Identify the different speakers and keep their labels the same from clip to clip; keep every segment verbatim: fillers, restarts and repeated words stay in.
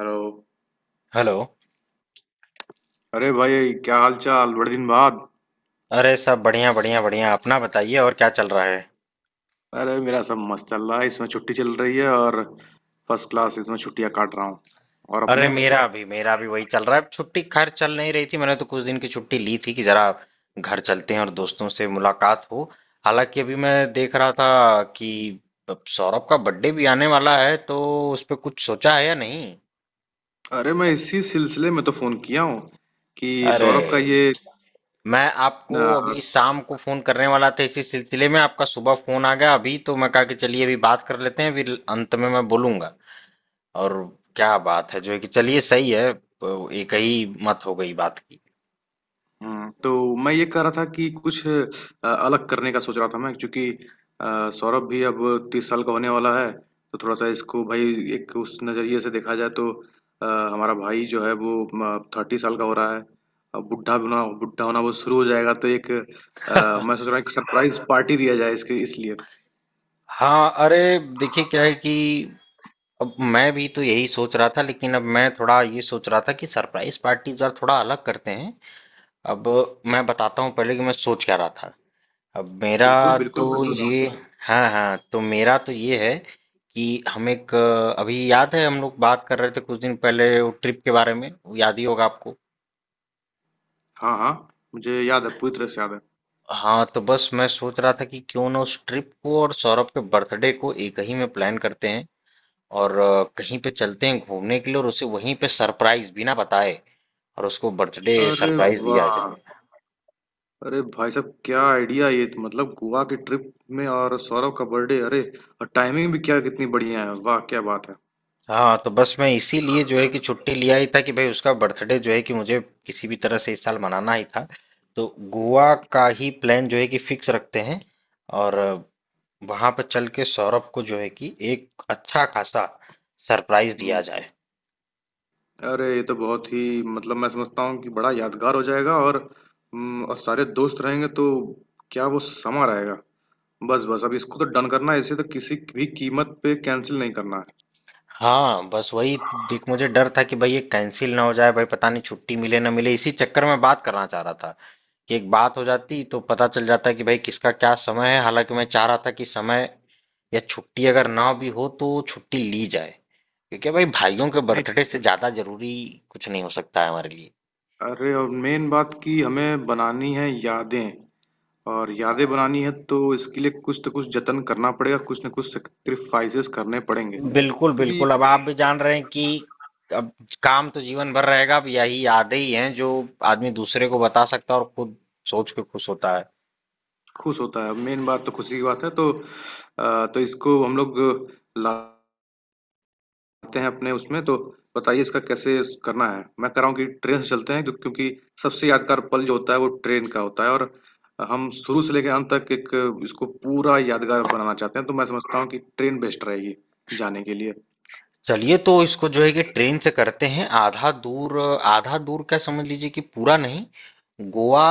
Speaker 1: Hello.
Speaker 2: Hello.
Speaker 1: अरे भाई, क्या हाल चाल, बड़े दिन बाद।
Speaker 2: अरे सब बढ़िया बढ़िया बढ़िया, अपना बताइए, और क्या चल रहा है?
Speaker 1: अरे मेरा सब मस्त चल रहा है, इसमें छुट्टी चल रही है और फर्स्ट क्लास इसमें छुट्टियां काट रहा हूँ। और
Speaker 2: अरे
Speaker 1: अपने?
Speaker 2: मेरा भी मेरा भी वही चल रहा है। अब छुट्टी खैर चल नहीं रही थी, मैंने तो कुछ दिन की छुट्टी ली थी कि जरा घर चलते हैं और दोस्तों से मुलाकात हो। हालांकि अभी मैं देख रहा था कि अब सौरभ का बर्थडे भी आने वाला है, तो उस पे कुछ सोचा है या नहीं?
Speaker 1: अरे मैं इसी सिलसिले में तो फोन किया हूँ कि
Speaker 2: अरे
Speaker 1: सौरभ का ये।
Speaker 2: मैं आपको अभी शाम को फोन करने वाला था इसी सिलसिले में, आपका सुबह फोन आ गया। अभी तो मैं कहा कि चलिए अभी बात कर लेते हैं, फिर अंत में मैं बोलूंगा। और क्या बात है जो है कि चलिए सही है, तो एक ही मत हो गई बात की।
Speaker 1: हुँ, तो मैं ये कह रहा था कि कुछ अ, अलग करने का सोच रहा था मैं, क्योंकि अ, सौरभ भी अब तीस साल का होने वाला है, तो थोड़ा-सा इसको भई एक उस नज़रिए से देखा जाए तो अ, हमारा भाई जो है वो म थर्टी साल का हो रहा है। अब बुड्ढा होना बुड्ढा होना वो शुरू हो जाएगा, तो एक अ, मैं सोच रहा हूँ एक सरप्राइज़ पार्टी दिया जाए इसके इसलिए।
Speaker 2: हाँ अरे, देखिए क्या है कि अब मैं भी तो यही सोच रहा था, लेकिन अब मैं थोड़ा ये सोच रहा था कि सरप्राइज पार्टी जरा थोड़ा अलग करते हैं। अब मैं बताता हूँ पहले कि मैं सोच क्या रहा था। अब मेरा
Speaker 1: बिल्कुल, बिल्कुल,
Speaker 2: तो
Speaker 1: मैं सुन रहा
Speaker 2: ये
Speaker 1: हूँ।
Speaker 2: हाँ हाँ, तो मेरा तो ये है कि हम एक, अभी याद है हम लोग बात कर रहे थे कुछ दिन पहले वो ट्रिप के बारे में, वो याद ही होगा आपको।
Speaker 1: हाँ, हाँ, मुझे याद है, पूरी तरह से याद है।
Speaker 2: हाँ तो बस मैं सोच रहा था कि क्यों ना उस ट्रिप को और सौरभ के बर्थडे को एक ही में प्लान करते हैं और अ, कहीं पे चलते हैं घूमने के लिए और उसे वहीं पे सरप्राइज बिना बताए, और उसको बर्थडे
Speaker 1: अरे
Speaker 2: सरप्राइज दिया
Speaker 1: वाह!
Speaker 2: जाए।
Speaker 1: अरे भाई साहब, क्या आइडिया! ये तो मतलब गोवा की ट्रिप में और सौरभ का बर्थडे! अरे और टाइमिंग भी क्या कितनी बढ़िया है, वाह क्या बात है!
Speaker 2: हाँ तो बस मैं इसीलिए जो है कि छुट्टी लिया ही था कि भाई उसका बर्थडे जो है कि मुझे किसी भी तरह से इस साल मनाना ही था। तो गोवा का ही प्लान जो है कि फिक्स रखते हैं, और वहां पर चल के सौरभ को जो है कि एक अच्छा खासा सरप्राइज दिया
Speaker 1: हम्म।
Speaker 2: जाए।
Speaker 1: अरे ये तो बहुत ही मतलब मैं समझता हूँ कि बड़ा यादगार हो जाएगा। और हम्म, और सारे दोस्त रहेंगे तो क्या वो समा रहेगा! बस बस, अब इसको तो डन करना है, इसे तो किसी भी कीमत पे कैंसिल नहीं करना है।
Speaker 2: हाँ बस वही, देख मुझे डर था कि भाई ये कैंसिल ना हो जाए, भाई पता नहीं छुट्टी मिले ना मिले, इसी चक्कर में बात करना चाह रहा था कि एक बात हो जाती तो पता चल जाता कि भाई किसका क्या समय है। हालांकि मैं चाह रहा था कि समय या छुट्टी अगर ना भी हो तो छुट्टी ली जाए, क्योंकि भाई भाइयों के बर्थडे
Speaker 1: नहीं।
Speaker 2: से ज्यादा जरूरी कुछ नहीं हो सकता है हमारे लिए।
Speaker 1: अरे और मेन बात कि हमें बनानी है यादें, और यादें बनानी है तो इसके लिए कुछ तो कुछ जतन करना पड़ेगा, कुछ ना कुछ सेक्रीफाइसेस करने पड़ेंगे,
Speaker 2: बिल्कुल
Speaker 1: क्योंकि
Speaker 2: बिल्कुल, अब आप भी जान रहे हैं कि अब काम तो जीवन भर रहेगा, अब यही यादें ही हैं जो आदमी दूसरे को बता सकता है और खुद सोच के खुश होता है।
Speaker 1: खुश होता है, मेन बात तो खुशी की बात है। तो अ, तो इसको हम लोग लाते हैं अपने उसमें तो। बताइए इसका कैसे करना है। मैं कह रहा हूँ कि ट्रेन से चलते हैं, क्यों- क्योंकि सबसे यादगार पल जो होता है वो ट्रेन का होता है, और हम शुरू से लेकर अंत तक एक इसको पूरा यादगार बनाना चाहते हैं, तो मैं समझता हूँ कि ट्रेन बेस्ट रहेगी जाने के लिए।
Speaker 2: चलिए, तो इसको जो है कि ट्रेन से करते हैं आधा दूर। आधा दूर का समझ लीजिए कि पूरा नहीं, गोवा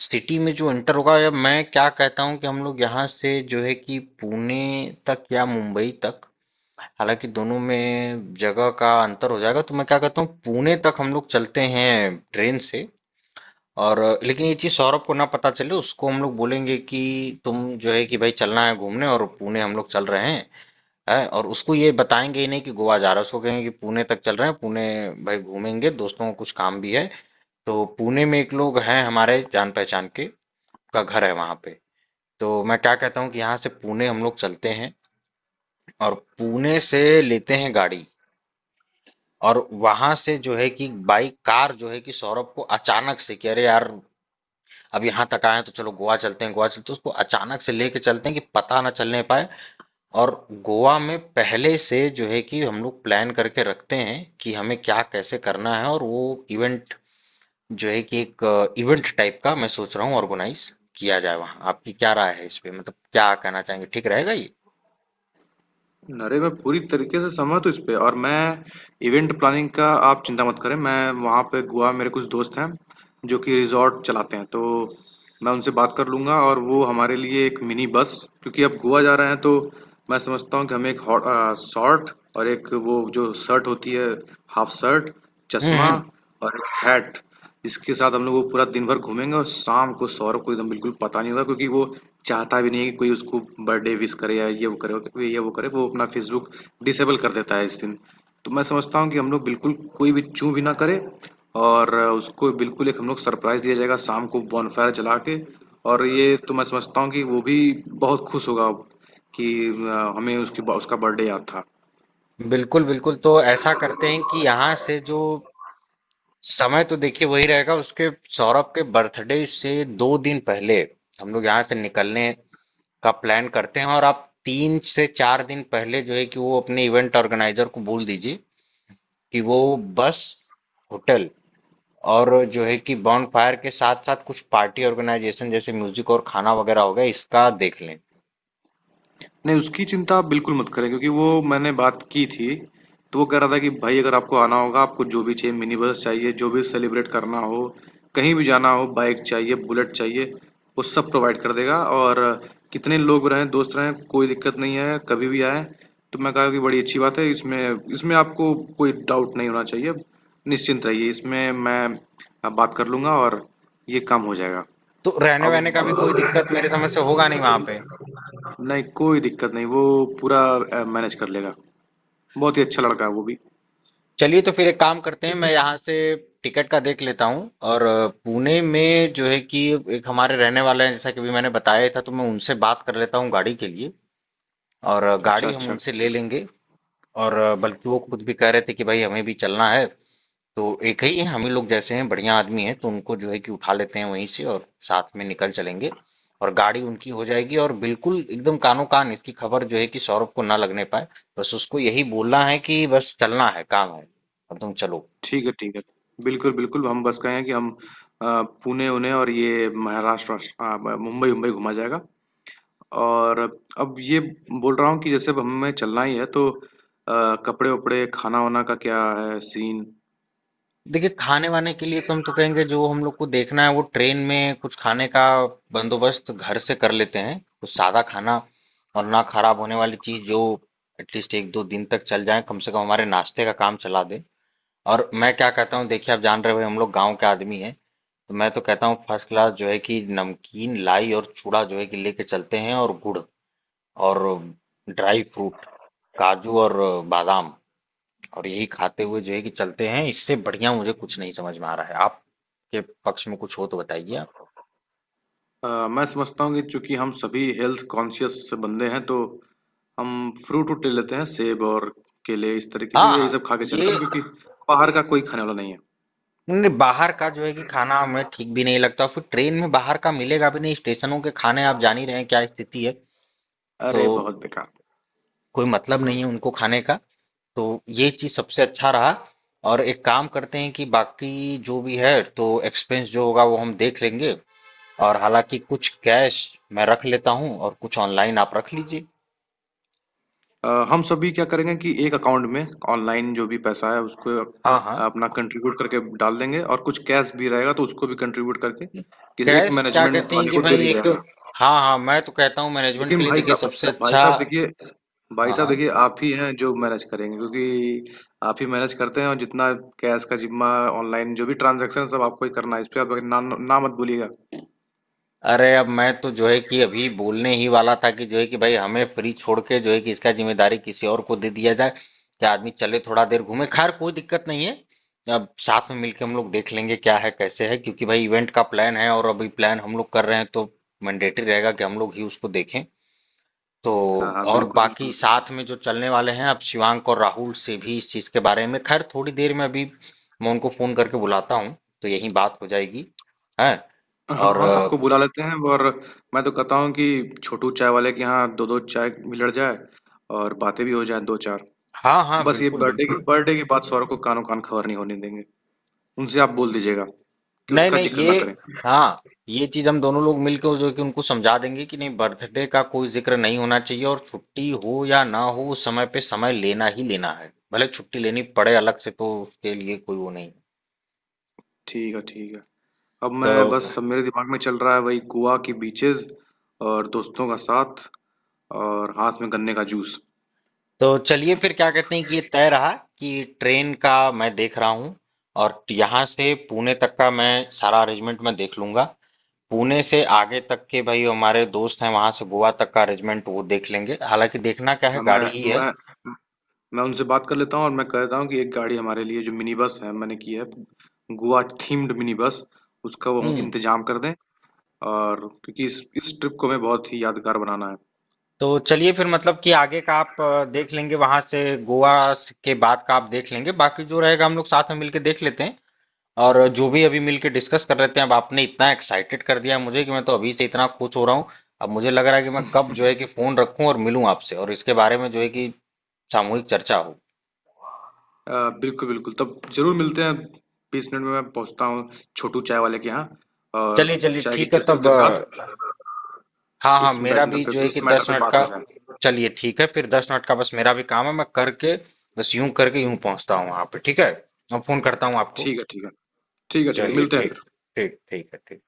Speaker 2: सिटी में जो इंटर होगा, या मैं क्या कहता हूँ कि हम लोग यहाँ से जो है कि पुणे तक या मुंबई तक, हालांकि दोनों में जगह का अंतर हो जाएगा, तो मैं क्या कहता हूँ पुणे तक हम लोग चलते हैं ट्रेन से। और लेकिन ये चीज़ सौरभ को ना पता चले, उसको हम लोग बोलेंगे कि तुम जो है कि भाई चलना है घूमने और पुणे हम लोग चल रहे हैं, है, और उसको ये बताएंगे ही नहीं कि गोवा जा रहा है। उसको कहेंगे कि पुणे तक चल रहे हैं, पुणे भाई घूमेंगे, दोस्तों को कुछ काम भी है। तो पुणे में एक लोग हैं हमारे जान पहचान के, का घर है वहां पे। तो मैं क्या कहता हूँ कि यहाँ से पुणे हम लोग चलते हैं, और पुणे से लेते हैं गाड़ी, और वहां से जो है कि बाई कार जो है कि सौरभ को अचानक से कि अरे यार अब यहाँ तक आए हैं तो चलो गोवा चलते हैं, गोवा चलते हैं, तो उसको अचानक से लेके चलते हैं कि पता ना चलने पाए। और गोवा में पहले से जो है कि हम लोग प्लान करके रखते हैं कि हमें क्या कैसे करना है, और वो इवेंट जो है कि एक इवेंट टाइप का मैं सोच रहा हूँ ऑर्गेनाइज किया जाए वहाँ। आपकी क्या राय है इस पे, मतलब क्या कहना चाहेंगे, ठीक रहेगा ये?
Speaker 1: अरे मैं पूरी तरीके से सहमत हूँ इस पे। और मैं इवेंट प्लानिंग का आप चिंता मत करें, मैं वहाँ पे गोवा में मेरे कुछ दोस्त हैं जो कि रिजॉर्ट चलाते हैं, तो मैं उनसे बात कर लूँगा और वो हमारे लिए एक मिनी बस, क्योंकि अब गोवा जा रहे हैं तो मैं समझता हूँ कि हमें एक हॉट शॉर्ट और एक वो जो शर्ट होती है, हाफ शर्ट, चश्मा
Speaker 2: हम्म
Speaker 1: और एक हैट। इसके साथ हम लोग वो पूरा दिन भर घूमेंगे, और शाम को सौरभ को एकदम बिल्कुल पता नहीं होगा क्योंकि वो चाहता भी नहीं है कि कोई उसको बर्थडे विश करे या ये वो करे वो- ये वो करे वो अपना फेसबुक डिसेबल कर देता है इस दिन। तो मैं समझता हूँ कि हम लोग बिल्कुल कोई भी चूं भी ना करे, और उसको बिल्कुल एक हम लोग सरप्राइज दिया जाएगा शाम को बॉनफायर जला के। और ये तो मैं समझता हूँ कि वो भी बहुत खुश होगा कि अ, हमें उसकी उसका बर्थडे याद था।
Speaker 2: हम्म, बिल्कुल बिल्कुल, तो ऐसा करते हैं कि यहाँ से जो समय तो देखिए वही रहेगा, उसके सौरभ के बर्थडे से दो दिन पहले हम लोग यहाँ से निकलने का प्लान करते हैं, और आप तीन से चार दिन पहले जो है कि वो अपने इवेंट ऑर्गेनाइजर को बोल दीजिए कि वो बस, होटल, और जो है कि बॉन फायर के साथ साथ कुछ पार्टी ऑर्गेनाइजेशन जैसे म्यूजिक और खाना वगैरह हो गया, इसका देख लें।
Speaker 1: नहीं, उसकी चिंता आप बिल्कुल मत करें, क्योंकि वो मैंने बात की थी, तो वो कह रहा था कि भाई अगर आपको आना होगा, आपको जो भी चाहिए, मिनी बस चाहिए, जो भी सेलिब्रेट करना हो, कहीं भी जाना हो, बाइक चाहिए, बुलेट चाहिए, वो सब प्रोवाइड कर देगा, और कितने लोग रहें, दोस्त रहें, कोई दिक्कत नहीं है, कभी भी आएँ। तो मैं कहा कि बड़ी अच्छी बात है, इसमें इसमें आपको कोई डाउट नहीं होना चाहिए, निश्चिंत रहिए, इसमें मैं अ, बात कर लूँगा और ये काम हो जाएगा।
Speaker 2: तो रहने
Speaker 1: अब,
Speaker 2: वहने का भी कोई दिक्कत मेरे समझ से होगा नहीं वहां पे।
Speaker 1: नहीं, कोई दिक्कत नहीं, वो पूरा अ, मैनेज कर लेगा। बहुत ही अच्छा लड़का है वो भी।
Speaker 2: चलिए, तो फिर एक काम करते हैं, मैं यहाँ से टिकट का देख लेता हूँ, और अ, पुणे में जो है कि एक हमारे रहने वाले हैं, जैसा कि भी मैंने बताया था, तो मैं उनसे बात कर लेता हूँ गाड़ी के लिए, और अ,
Speaker 1: अच्छा,
Speaker 2: गाड़ी हम
Speaker 1: अच्छा।
Speaker 2: उनसे ले लेंगे। और अ, बल्कि वो खुद भी कह रहे थे कि भाई हमें भी चलना है, तो एक ही है, हम ही लोग जैसे हैं बढ़िया आदमी हैं, तो उनको जो है कि उठा लेते हैं वहीं से और साथ में निकल चलेंगे। और गाड़ी उनकी हो जाएगी, और बिल्कुल एकदम कानो कान इसकी खबर जो है कि सौरभ को ना लगने पाए। बस उसको यही बोलना है कि बस चलना है, काम है, अब तुम चलो।
Speaker 1: ठीक है, ठीक है। बिल्कुल, बिल्कुल, हम बस कहें कि हम अ, पुणे-ऊने और ये महाराष्ट्र वास अ, ब मुंबई-उम्बई घुमा जाएगा। और अब ये बोल रहा हूँ कि जैसे अब हमें चलना ही है, तो अ, कपड़े-वपड़े, खाना-वाना का क्या है सीन?
Speaker 2: देखिए खाने वाने के लिए तो हम तो कहेंगे, जो हम लोग को देखना है वो ट्रेन में कुछ खाने का बंदोबस्त घर से कर लेते हैं, कुछ सादा खाना और ना खराब होने वाली चीज जो एटलीस्ट एक दो दिन तक चल जाए, कम से कम हमारे नाश्ते का काम चला दे। और मैं क्या कहता हूँ, देखिए आप जान रहे हो हम लोग गांव के आदमी हैं, तो मैं तो कहता हूँ फर्स्ट क्लास जो है कि नमकीन लाई और चूड़ा जो है कि लेके चलते हैं, और गुड़, और ड्राई फ्रूट, काजू, और बादाम, और यही खाते हुए जो है कि चलते हैं। इससे बढ़िया मुझे कुछ नहीं समझ में आ रहा है, आपके पक्ष में कुछ हो तो बताइए आप।
Speaker 1: अ, मैं समझता हूँ कि चूँकि हम सभी हेल्थ कॉन्शियस बंदे हैं, तो हम फ्रूट-वूट ले लेते हैं, सेब और केले इस तरीके
Speaker 2: हाँ
Speaker 1: के, यही
Speaker 2: हाँ
Speaker 1: सब खा के
Speaker 2: ये,
Speaker 1: चलेंगे, क्योंकि बाहर का कोई खाने वाला नहीं है।
Speaker 2: नहीं, बाहर का जो है कि खाना हमें ठीक भी नहीं लगता, फिर ट्रेन में बाहर का मिलेगा भी नहीं, स्टेशनों के खाने आप जान ही रहे हैं क्या स्थिति है। तो
Speaker 1: अरे! बहुत बेकार।
Speaker 2: कोई मतलब नहीं है उनको खाने का। तो ये चीज सबसे अच्छा रहा। और एक काम करते हैं कि बाकी जो भी है तो एक्सपेंस जो होगा वो हम देख लेंगे, और हालांकि कुछ कैश मैं रख लेता हूँ और कुछ ऑनलाइन आप रख लीजिए।
Speaker 1: अ, हम सभी क्या करेंगे कि एक अकाउंट में ऑनलाइन जो भी पैसा है उसको
Speaker 2: हाँ हाँ,
Speaker 1: अपना कंट्रीब्यूट करके डाल देंगे, और कुछ कैश भी रहेगा तो उसको भी कंट्रीब्यूट करके कि एक
Speaker 2: कैश क्या
Speaker 1: मैनेजमेंट
Speaker 2: कहते हैं
Speaker 1: वाले
Speaker 2: कि
Speaker 1: को दे
Speaker 2: भाई
Speaker 1: दिया
Speaker 2: एक,
Speaker 1: जाएगा।
Speaker 2: हाँ हाँ मैं तो कहता हूँ मैनेजमेंट के
Speaker 1: लेकिन
Speaker 2: लिए
Speaker 1: भाई
Speaker 2: देखिए
Speaker 1: साहब,
Speaker 2: सबसे
Speaker 1: भाई
Speaker 2: अच्छा,
Speaker 1: साहब देखिए भाई
Speaker 2: हाँ
Speaker 1: साहब
Speaker 2: हाँ,
Speaker 1: देखिए, आप ही हैं जो मैनेज करेंगे, क्योंकि आप ही मैनेज करते हैं, और जितना कैश का जिम्मा, ऑनलाइन जो भी ट्रांजैक्शन, सब आपको ही करना है, इस पे आप ना ना मत बोलिएगा।
Speaker 2: अरे अब मैं तो जो है कि अभी बोलने ही वाला था कि जो है कि भाई हमें फ्री छोड़ के जो है कि इसका जिम्मेदारी किसी और को दे दिया जाए कि आदमी चले, थोड़ा देर घूमे, खैर कोई दिक्कत नहीं है। अब साथ में मिलके हम लोग देख लेंगे क्या है कैसे है, क्योंकि भाई इवेंट का प्लान है और अभी प्लान हम लोग कर रहे हैं, तो मैंडेटरी रहेगा कि हम लोग ही उसको देखें। तो,
Speaker 1: हाँ हाँ,
Speaker 2: और
Speaker 1: बिल्कुल
Speaker 2: बाकी
Speaker 1: बिल्कुल।
Speaker 2: साथ में जो चलने वाले हैं, अब शिवांक और राहुल से भी इस चीज के बारे में, खैर थोड़ी देर में अभी मैं उनको फोन करके बुलाता हूँ, तो यही बात हो जाएगी, है।
Speaker 1: हाँ,
Speaker 2: और
Speaker 1: हाँ, सबको
Speaker 2: अ,
Speaker 1: बुला लेते हैं। और मैं तो कहता हूँ कि छोटू चाय वाले के यहाँ दो दो चाय मिलड़ जाए और बातें भी हो जाएँ दो चार।
Speaker 2: हाँ हाँ
Speaker 1: बस ये
Speaker 2: बिल्कुल
Speaker 1: बर्थडे की
Speaker 2: बिल्कुल।
Speaker 1: बर्थडे की बात सौरभ को कानो कान खबर नहीं होने देंगे। उनसे आप बोल दीजिएगा कि
Speaker 2: नहीं
Speaker 1: उसका
Speaker 2: नहीं
Speaker 1: जिक्र
Speaker 2: ये,
Speaker 1: ना करें।
Speaker 2: हाँ ये चीज हम दोनों लोग मिलकर जो है कि उनको समझा देंगे कि नहीं, बर्थडे का कोई जिक्र नहीं होना चाहिए, और छुट्टी हो या ना हो समय पे समय लेना ही लेना है, भले छुट्टी लेनी पड़े अलग से, तो उसके लिए कोई वो नहीं।
Speaker 1: ठीक है, ठीक है। अब
Speaker 2: तो
Speaker 1: मैं बस, अब मेरे दिमाग में चल रहा है वही गोवा की बीचेज़ और दोस्तों का साथ, और हाथ में गन्ने का जूस।
Speaker 2: तो चलिए फिर क्या कहते हैं कि ये तय रहा कि ट्रेन का मैं देख रहा हूँ, और यहाँ से पुणे तक का मैं सारा अरेंजमेंट मैं देख लूंगा। पुणे से आगे तक के भाई हमारे दोस्त हैं, वहां से गोवा तक का अरेंजमेंट वो देख लेंगे, हालांकि देखना क्या है,
Speaker 1: अब मैं
Speaker 2: गाड़ी ही है।
Speaker 1: मैं मैं उनसे बात कर लेता हूँ, और मैं कहता हूँ कि एक गाड़ी हमारे लिए जो मिनी बस है मैंने की है, गोवा थीम्ड मिनी बस, उसका वो
Speaker 2: हम्म
Speaker 1: इंतजाम कर दें। और क्योंकि इस इस ट्रिप को हमें बहुत ही यादगार बनाना है।
Speaker 2: तो चलिए फिर, मतलब कि आगे का आप अ, देख लेंगे, वहां से गोवा के बाद का आप देख लेंगे, बाकी जो रहेगा हम लोग साथ में मिलके देख लेते हैं, और जो भी अभी मिलके डिस्कस कर लेते हैं। अब आपने इतना एक्साइटेड कर दिया मुझे कि मैं तो अभी से इतना खुश हो रहा हूँ। अब मुझे लग रहा है कि मैं कब जो है कि फोन रखूं और मिलूं आपसे और इसके बारे में जो है कि सामूहिक चर्चा हो।
Speaker 1: अ, बिल्कुल बिल्कुल, तब जरूर मिलते हैं। बीस मिनट में मैं पहुँचता हूँ छोटू चाय वाले के यहाँ, और
Speaker 2: चलिए चलिए
Speaker 1: चाय की
Speaker 2: ठीक है,
Speaker 1: चुस्कियों
Speaker 2: तब
Speaker 1: के साथ
Speaker 2: अ, हाँ हाँ
Speaker 1: इस
Speaker 2: मेरा
Speaker 1: मैटर
Speaker 2: भी
Speaker 1: पे
Speaker 2: जो है
Speaker 1: इस
Speaker 2: कि
Speaker 1: मैटर
Speaker 2: दस
Speaker 1: पे
Speaker 2: मिनट
Speaker 1: बात
Speaker 2: का,
Speaker 1: हो जाए।
Speaker 2: चलिए ठीक है फिर, दस मिनट का बस मेरा भी काम है, मैं करके बस यूं करके यूं पहुंचता हूँ वहां पे, ठीक है? मैं फोन करता हूँ आपको।
Speaker 1: ठीक है, ठीक है। ठीक है, ठीक है,
Speaker 2: चलिए
Speaker 1: मिलते हैं
Speaker 2: ठीक,
Speaker 1: फिर।
Speaker 2: ठीक ठीक है, ठीक।